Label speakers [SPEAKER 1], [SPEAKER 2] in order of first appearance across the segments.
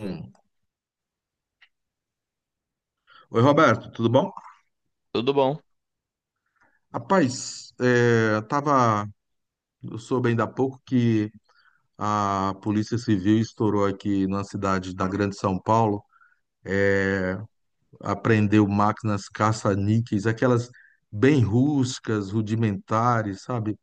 [SPEAKER 1] Hum. Oi, Roberto, tudo bom?
[SPEAKER 2] Tudo bom?
[SPEAKER 1] Rapaz, tava, eu soube ainda há pouco que a Polícia Civil estourou aqui na cidade da Grande São Paulo, apreendeu máquinas caça-níqueis, aquelas bem rústicas, rudimentares, sabe?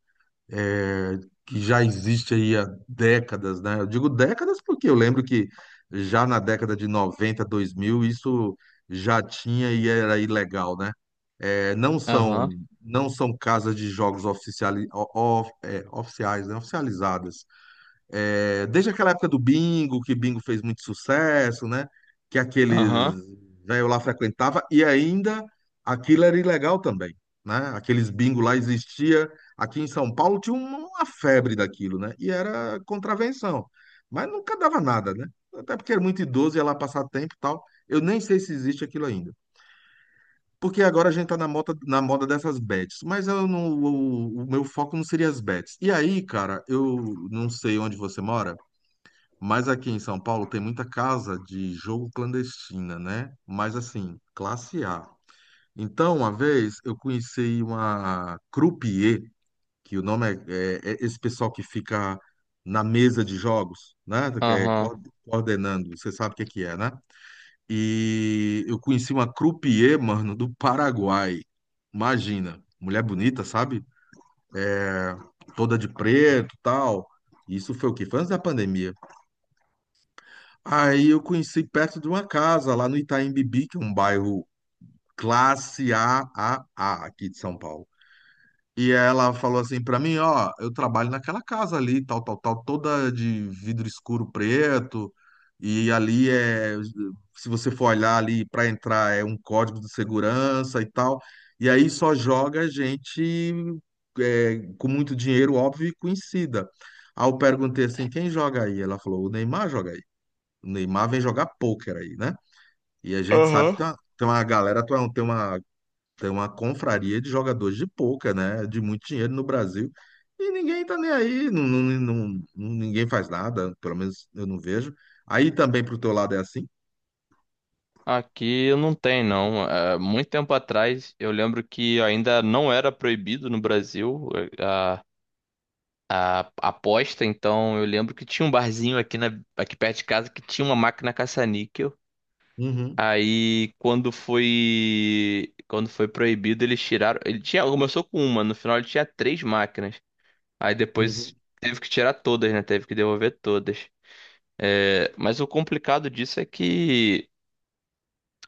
[SPEAKER 1] É, que já existe aí há décadas, né? Eu digo décadas porque eu lembro que já na década de 90 2000 isso já tinha e era ilegal, né? É, não são
[SPEAKER 2] Aham,
[SPEAKER 1] não são casas de jogos oficiali, o- of- é, oficiais, né, oficializadas. Desde aquela época do bingo, que bingo fez muito sucesso, né? Que aqueles
[SPEAKER 2] aham,
[SPEAKER 1] velho lá frequentava e ainda aquilo era ilegal também, né? Aqueles bingo lá existia aqui em São Paulo tinha uma febre daquilo, né? E era contravenção, mas nunca dava nada, né? Até porque era muito idoso ia lá passar tempo e tal. Eu nem sei se existe aquilo ainda. Porque agora a gente tá na moda dessas bets, mas eu não, o meu foco não seria as bets. E aí, cara, eu não sei onde você mora, mas aqui em São Paulo tem muita casa de jogo clandestina, né? Mas assim, classe A. Então, uma vez eu conheci uma croupier, que o nome é esse pessoal que fica na mesa de jogos, né? Que é
[SPEAKER 2] aham.
[SPEAKER 1] coordenando, você sabe o que que é, né? E eu conheci uma croupier, mano, do Paraguai. Imagina, mulher bonita, sabe? Toda de preto, tal. Isso foi o quê? Foi antes da pandemia. Aí eu conheci perto de uma casa, lá no Itaim Bibi, que é um bairro classe AAA aqui de São Paulo. E ela falou assim pra mim, ó, eu trabalho naquela casa ali, tal, tal, tal, toda de vidro escuro preto, e ali, se você for olhar ali pra entrar é um código de segurança e tal, e aí só joga gente, com muito dinheiro, óbvio, e conhecida. Aí eu perguntei assim, quem joga aí? Ela falou, o Neymar joga aí. O Neymar vem jogar pôquer aí, né? E a gente sabe que
[SPEAKER 2] Aham.
[SPEAKER 1] tem uma galera, tem uma tem uma confraria de jogadores de pôquer, né? De muito dinheiro no Brasil. E ninguém tá nem aí, ninguém faz nada, pelo menos eu não vejo. Aí também pro teu lado é assim?
[SPEAKER 2] Aqui não tem, não. Muito tempo atrás, eu lembro que ainda não era proibido no Brasil é, a, a aposta, então eu lembro que tinha um barzinho aqui, aqui perto de casa que tinha uma máquina caça-níquel.
[SPEAKER 1] Uhum,
[SPEAKER 2] Aí, quando foi proibido, eles tiraram. Ele tinha, começou com uma, no final ele tinha três máquinas. Aí depois
[SPEAKER 1] uhum.
[SPEAKER 2] teve que tirar todas, né? Teve que devolver todas. É, mas o complicado disso é que,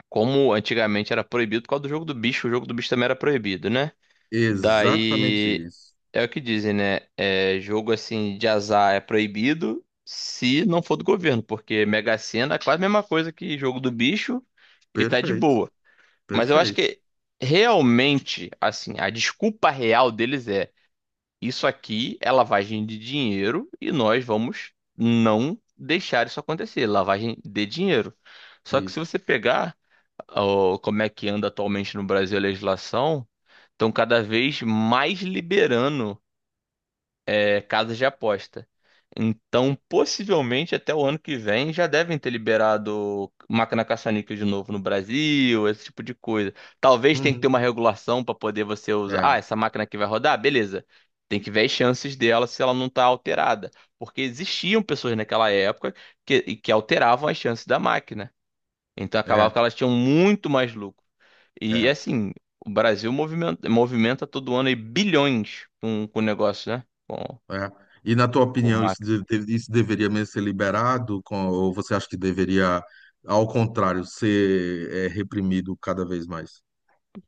[SPEAKER 2] como antigamente era proibido por causa do jogo do bicho, o jogo do bicho também era proibido, né?
[SPEAKER 1] Exatamente
[SPEAKER 2] Daí
[SPEAKER 1] isso.
[SPEAKER 2] é o que dizem, né? É, jogo assim de azar é proibido se não for do governo, porque Mega Sena é quase a mesma coisa que jogo do bicho e tá de
[SPEAKER 1] Perfeito,
[SPEAKER 2] boa. Mas eu acho
[SPEAKER 1] perfeito.
[SPEAKER 2] que realmente, assim, a desculpa real deles é, isso aqui é lavagem de dinheiro e nós vamos não deixar isso acontecer, lavagem de dinheiro. Só que se
[SPEAKER 1] Isso.
[SPEAKER 2] você pegar ó, como é que anda atualmente no Brasil a legislação, estão cada vez mais liberando casas de aposta. Então, possivelmente até o ano que vem já devem ter liberado máquina caça-níquel de novo no Brasil, esse tipo de coisa. Talvez tenha que ter
[SPEAKER 1] Uhum.
[SPEAKER 2] uma regulação para poder você usar.
[SPEAKER 1] É,
[SPEAKER 2] Ah, essa máquina aqui vai rodar? Beleza. Tem que ver as chances dela se ela não está alterada. Porque existiam pessoas naquela época que, e que alteravam as chances da máquina. Então acabava
[SPEAKER 1] é,
[SPEAKER 2] que elas tinham muito mais lucro. E
[SPEAKER 1] é,
[SPEAKER 2] assim, o Brasil movimenta, movimenta todo ano aí bilhões com o negócio, né?
[SPEAKER 1] é. E na tua
[SPEAKER 2] Com
[SPEAKER 1] opinião, isso,
[SPEAKER 2] máquina.
[SPEAKER 1] isso deveria mesmo ser liberado? Ou você acha que deveria, ao contrário, ser reprimido cada vez mais?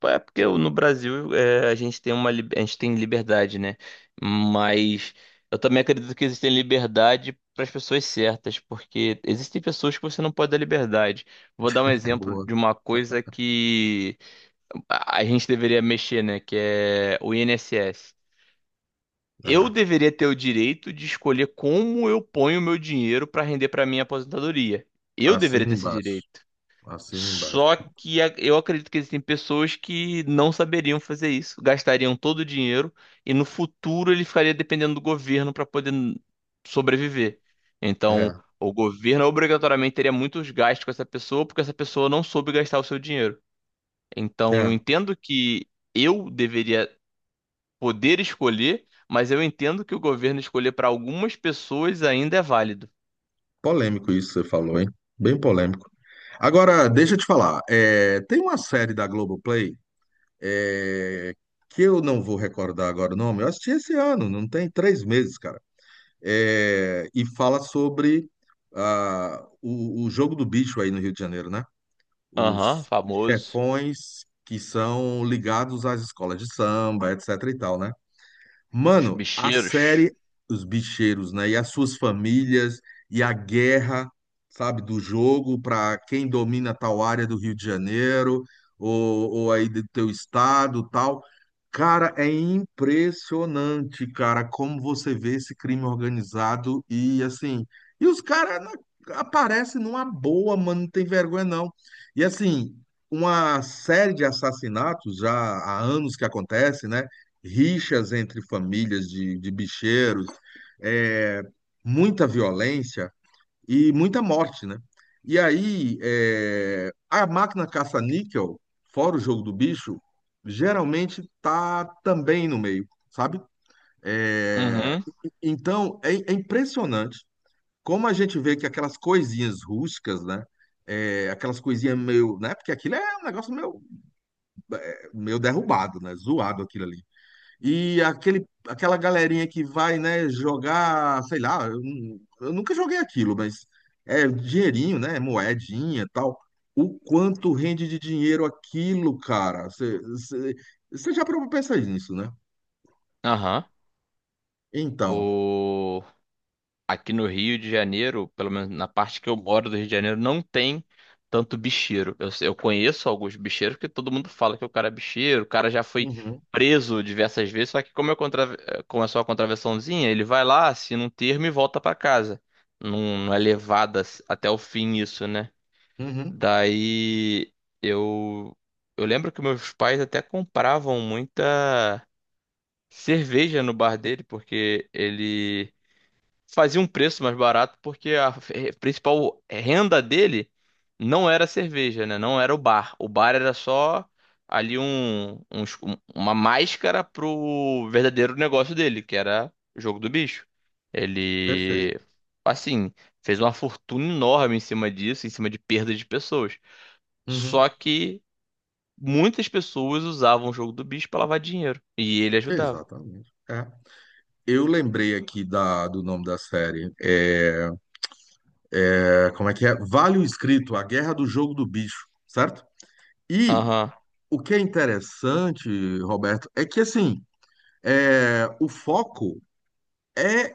[SPEAKER 2] É porque no Brasil é, a gente tem uma lib- a gente tem liberdade, né? Mas eu também acredito que existe liberdade para as pessoas certas, porque existem pessoas que você não pode dar liberdade. Vou dar um
[SPEAKER 1] É
[SPEAKER 2] exemplo
[SPEAKER 1] boa.
[SPEAKER 2] de uma coisa que a gente deveria mexer, né? Que é o INSS. Eu
[SPEAKER 1] É.
[SPEAKER 2] deveria ter o direito de escolher como eu ponho o meu dinheiro para render para minha aposentadoria. Eu deveria
[SPEAKER 1] Assina
[SPEAKER 2] ter esse
[SPEAKER 1] embaixo.
[SPEAKER 2] direito.
[SPEAKER 1] Assina embaixo.
[SPEAKER 2] Só que a- eu acredito que existem pessoas que não saberiam fazer isso, gastariam todo o dinheiro e no futuro ele ficaria dependendo do governo para poder n- sobreviver. Então,
[SPEAKER 1] É,
[SPEAKER 2] o governo obrigatoriamente teria muitos gastos com essa pessoa porque essa pessoa não soube gastar o seu dinheiro. Então, eu
[SPEAKER 1] é.
[SPEAKER 2] entendo que eu deveria poder escolher, mas eu entendo que o governo escolher para algumas pessoas ainda é válido.
[SPEAKER 1] Polêmico isso que você falou, hein? Bem polêmico. Agora, deixa eu te falar. Tem uma série da Globoplay, é, que eu não vou recordar agora o nome. Eu assisti esse ano, não tem 3 meses, cara. E fala sobre o jogo do bicho aí no Rio de Janeiro, né?
[SPEAKER 2] Aham,
[SPEAKER 1] Os
[SPEAKER 2] famoso.
[SPEAKER 1] chefões que são ligados às escolas de samba, etc e tal, né?
[SPEAKER 2] Os
[SPEAKER 1] Mano, a
[SPEAKER 2] bicheiros.
[SPEAKER 1] série Os Bicheiros, né? E as suas famílias, e a guerra, sabe, do jogo para quem domina tal área do Rio de Janeiro, ou aí do teu estado, tal. Cara, é impressionante, cara, como você vê esse crime organizado e assim. E os caras aparecem numa boa, mano, não tem vergonha não. E assim, uma série de assassinatos já há anos que acontece, né? Rixas entre famílias de bicheiros, é, muita violência e muita morte, né? E aí, a máquina caça-níquel, fora o jogo do bicho, geralmente tá também no meio, sabe? É,
[SPEAKER 2] Uhum,
[SPEAKER 1] então, é impressionante como a gente vê que aquelas coisinhas rústicas, né? Aquelas coisinhas meio, né? Porque aquilo é um negócio meio, meio derrubado, né? Zoado aquilo ali. E aquela galerinha que vai, né, jogar, sei lá, eu nunca joguei aquilo, mas é dinheirinho, né, moedinha e tal. O quanto rende de dinheiro aquilo, cara? Você já parou pra pensar nisso, né?
[SPEAKER 2] aham.
[SPEAKER 1] Então,
[SPEAKER 2] O... Aqui no Rio de Janeiro, pelo menos na parte que eu moro do Rio de Janeiro, não tem tanto bicheiro. Eu conheço alguns bicheiros porque todo mundo fala que o cara é bicheiro, o cara já foi
[SPEAKER 1] uhum,
[SPEAKER 2] preso diversas vezes, só que como eu contra... eh, começou a contravençãozinha, ele vai lá, assina um termo e volta pra casa. Não é levada até o fim isso, né?
[SPEAKER 1] uhum,
[SPEAKER 2] Daí eu eu lembro que meus pais até compravam muita cerveja no bar dele, porque ele fazia um preço mais barato porque a eh, principal renda dele não era a cerveja, né? Não era o bar. O bar era só ali um, um es- um- uma máscara pro verdadeiro negócio dele, que era o jogo do bicho.
[SPEAKER 1] perfeito.
[SPEAKER 2] Ele, assim, fez uma fortuna enorme em cima disso, em cima de perda de pessoas.
[SPEAKER 1] Uhum,
[SPEAKER 2] Só que muitas pessoas usavam o jogo do bicho para lavar dinheiro e ele ajudava.
[SPEAKER 1] exatamente. É. Eu lembrei aqui do nome da série. Como é que é? Vale o Escrito, A Guerra do Jogo do Bicho, certo? E
[SPEAKER 2] Aham,
[SPEAKER 1] o que é interessante, Roberto, é que assim, o foco é,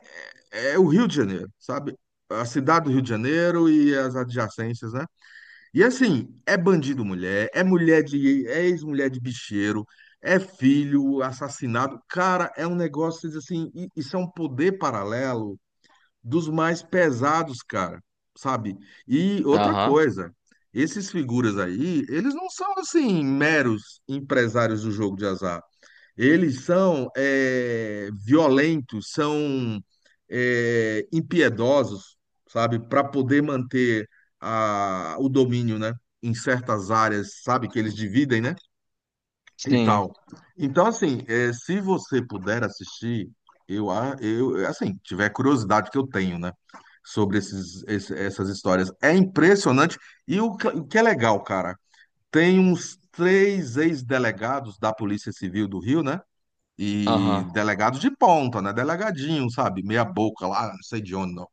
[SPEAKER 1] é o Rio de Janeiro, sabe? A cidade do Rio de Janeiro e as adjacências, né? E assim, é bandido mulher, é ex-mulher de bicheiro, é filho assassinado. Cara, é um negócio vocês dizem assim, isso é um poder paralelo dos mais pesados, cara, sabe? E outra
[SPEAKER 2] aham,
[SPEAKER 1] coisa, esses figuras aí, eles não são assim meros empresários do jogo de azar. Eles são violentos, são impiedosos, sabe? Para poder manter o domínio, né? Em certas áreas, sabe? Que eles dividem, né? E
[SPEAKER 2] sim,
[SPEAKER 1] tal. Então, assim, se você puder assistir, eu, assim, tiver curiosidade que eu tenho, né, sobre essas histórias, é impressionante. E o que é legal, cara, tem uns três ex-delegados da Polícia Civil do Rio, né, e
[SPEAKER 2] aham,
[SPEAKER 1] delegados de ponta, né, delegadinho, sabe, meia boca lá, não sei de onde, não.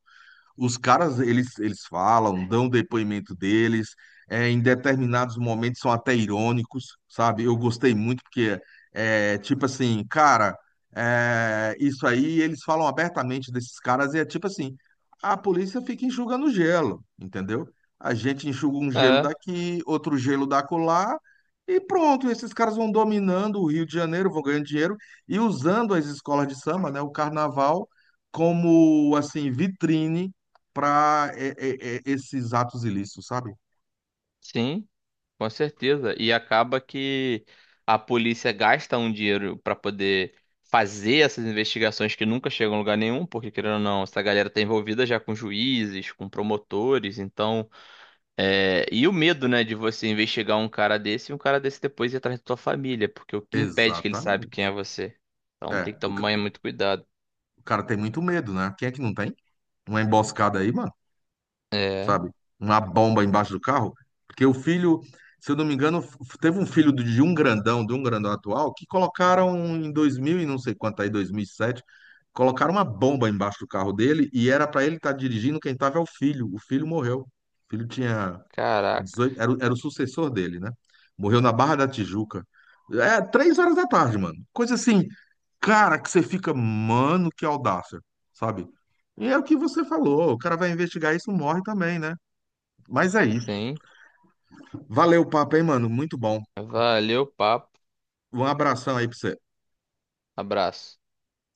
[SPEAKER 1] Os caras, eles falam, dão o depoimento deles, em determinados momentos são até irônicos, sabe? Eu gostei muito porque, tipo assim, cara, isso aí eles falam abertamente desses caras e é tipo assim, a polícia fica enxugando gelo, entendeu? A gente enxuga um gelo
[SPEAKER 2] é,
[SPEAKER 1] daqui, outro gelo da colar e pronto, esses caras vão dominando o Rio de Janeiro, vão ganhando dinheiro e usando as escolas de samba, né, o carnaval, como, assim, vitrine para esses atos ilícitos, sabe?
[SPEAKER 2] sim. Com certeza. E acaba que a polícia gasta um dinheiro para poder fazer essas investigações que nunca chegam a lugar nenhum, porque querendo ou não, essa galera tá envolvida já com juízes, com promotores, então. É, e o medo, né, de você investigar um cara desse e um cara desse depois ir atrás da tua família, porque o que impede que ele sabe quem
[SPEAKER 1] Exatamente.
[SPEAKER 2] é você? Então
[SPEAKER 1] É,
[SPEAKER 2] tem que
[SPEAKER 1] o, ca-
[SPEAKER 2] tomar muito cuidado.
[SPEAKER 1] o cara tem muito medo, né? Quem é que não tem? Uma emboscada aí, mano,
[SPEAKER 2] É,
[SPEAKER 1] sabe? Uma bomba embaixo do carro. Porque o filho, se eu não me engano, teve um filho de um grandão, atual, que colocaram em 2000 e não sei quanto aí, 2007, colocaram uma bomba embaixo do carro dele e era pra ele estar dirigindo, quem tava é o filho. O filho morreu. O filho tinha
[SPEAKER 2] caraca,
[SPEAKER 1] 18 era o sucessor dele, né? Morreu na Barra da Tijuca. 3 horas da tarde, mano. Coisa assim, cara, que você fica, mano, que audácia, sabe? E é o que você falou, o cara vai investigar isso, morre também, né? Mas é isso.
[SPEAKER 2] tem.
[SPEAKER 1] Valeu o papo, hein, mano? Muito bom.
[SPEAKER 2] Valeu, papo.
[SPEAKER 1] Um abração aí pra você.
[SPEAKER 2] Abraço.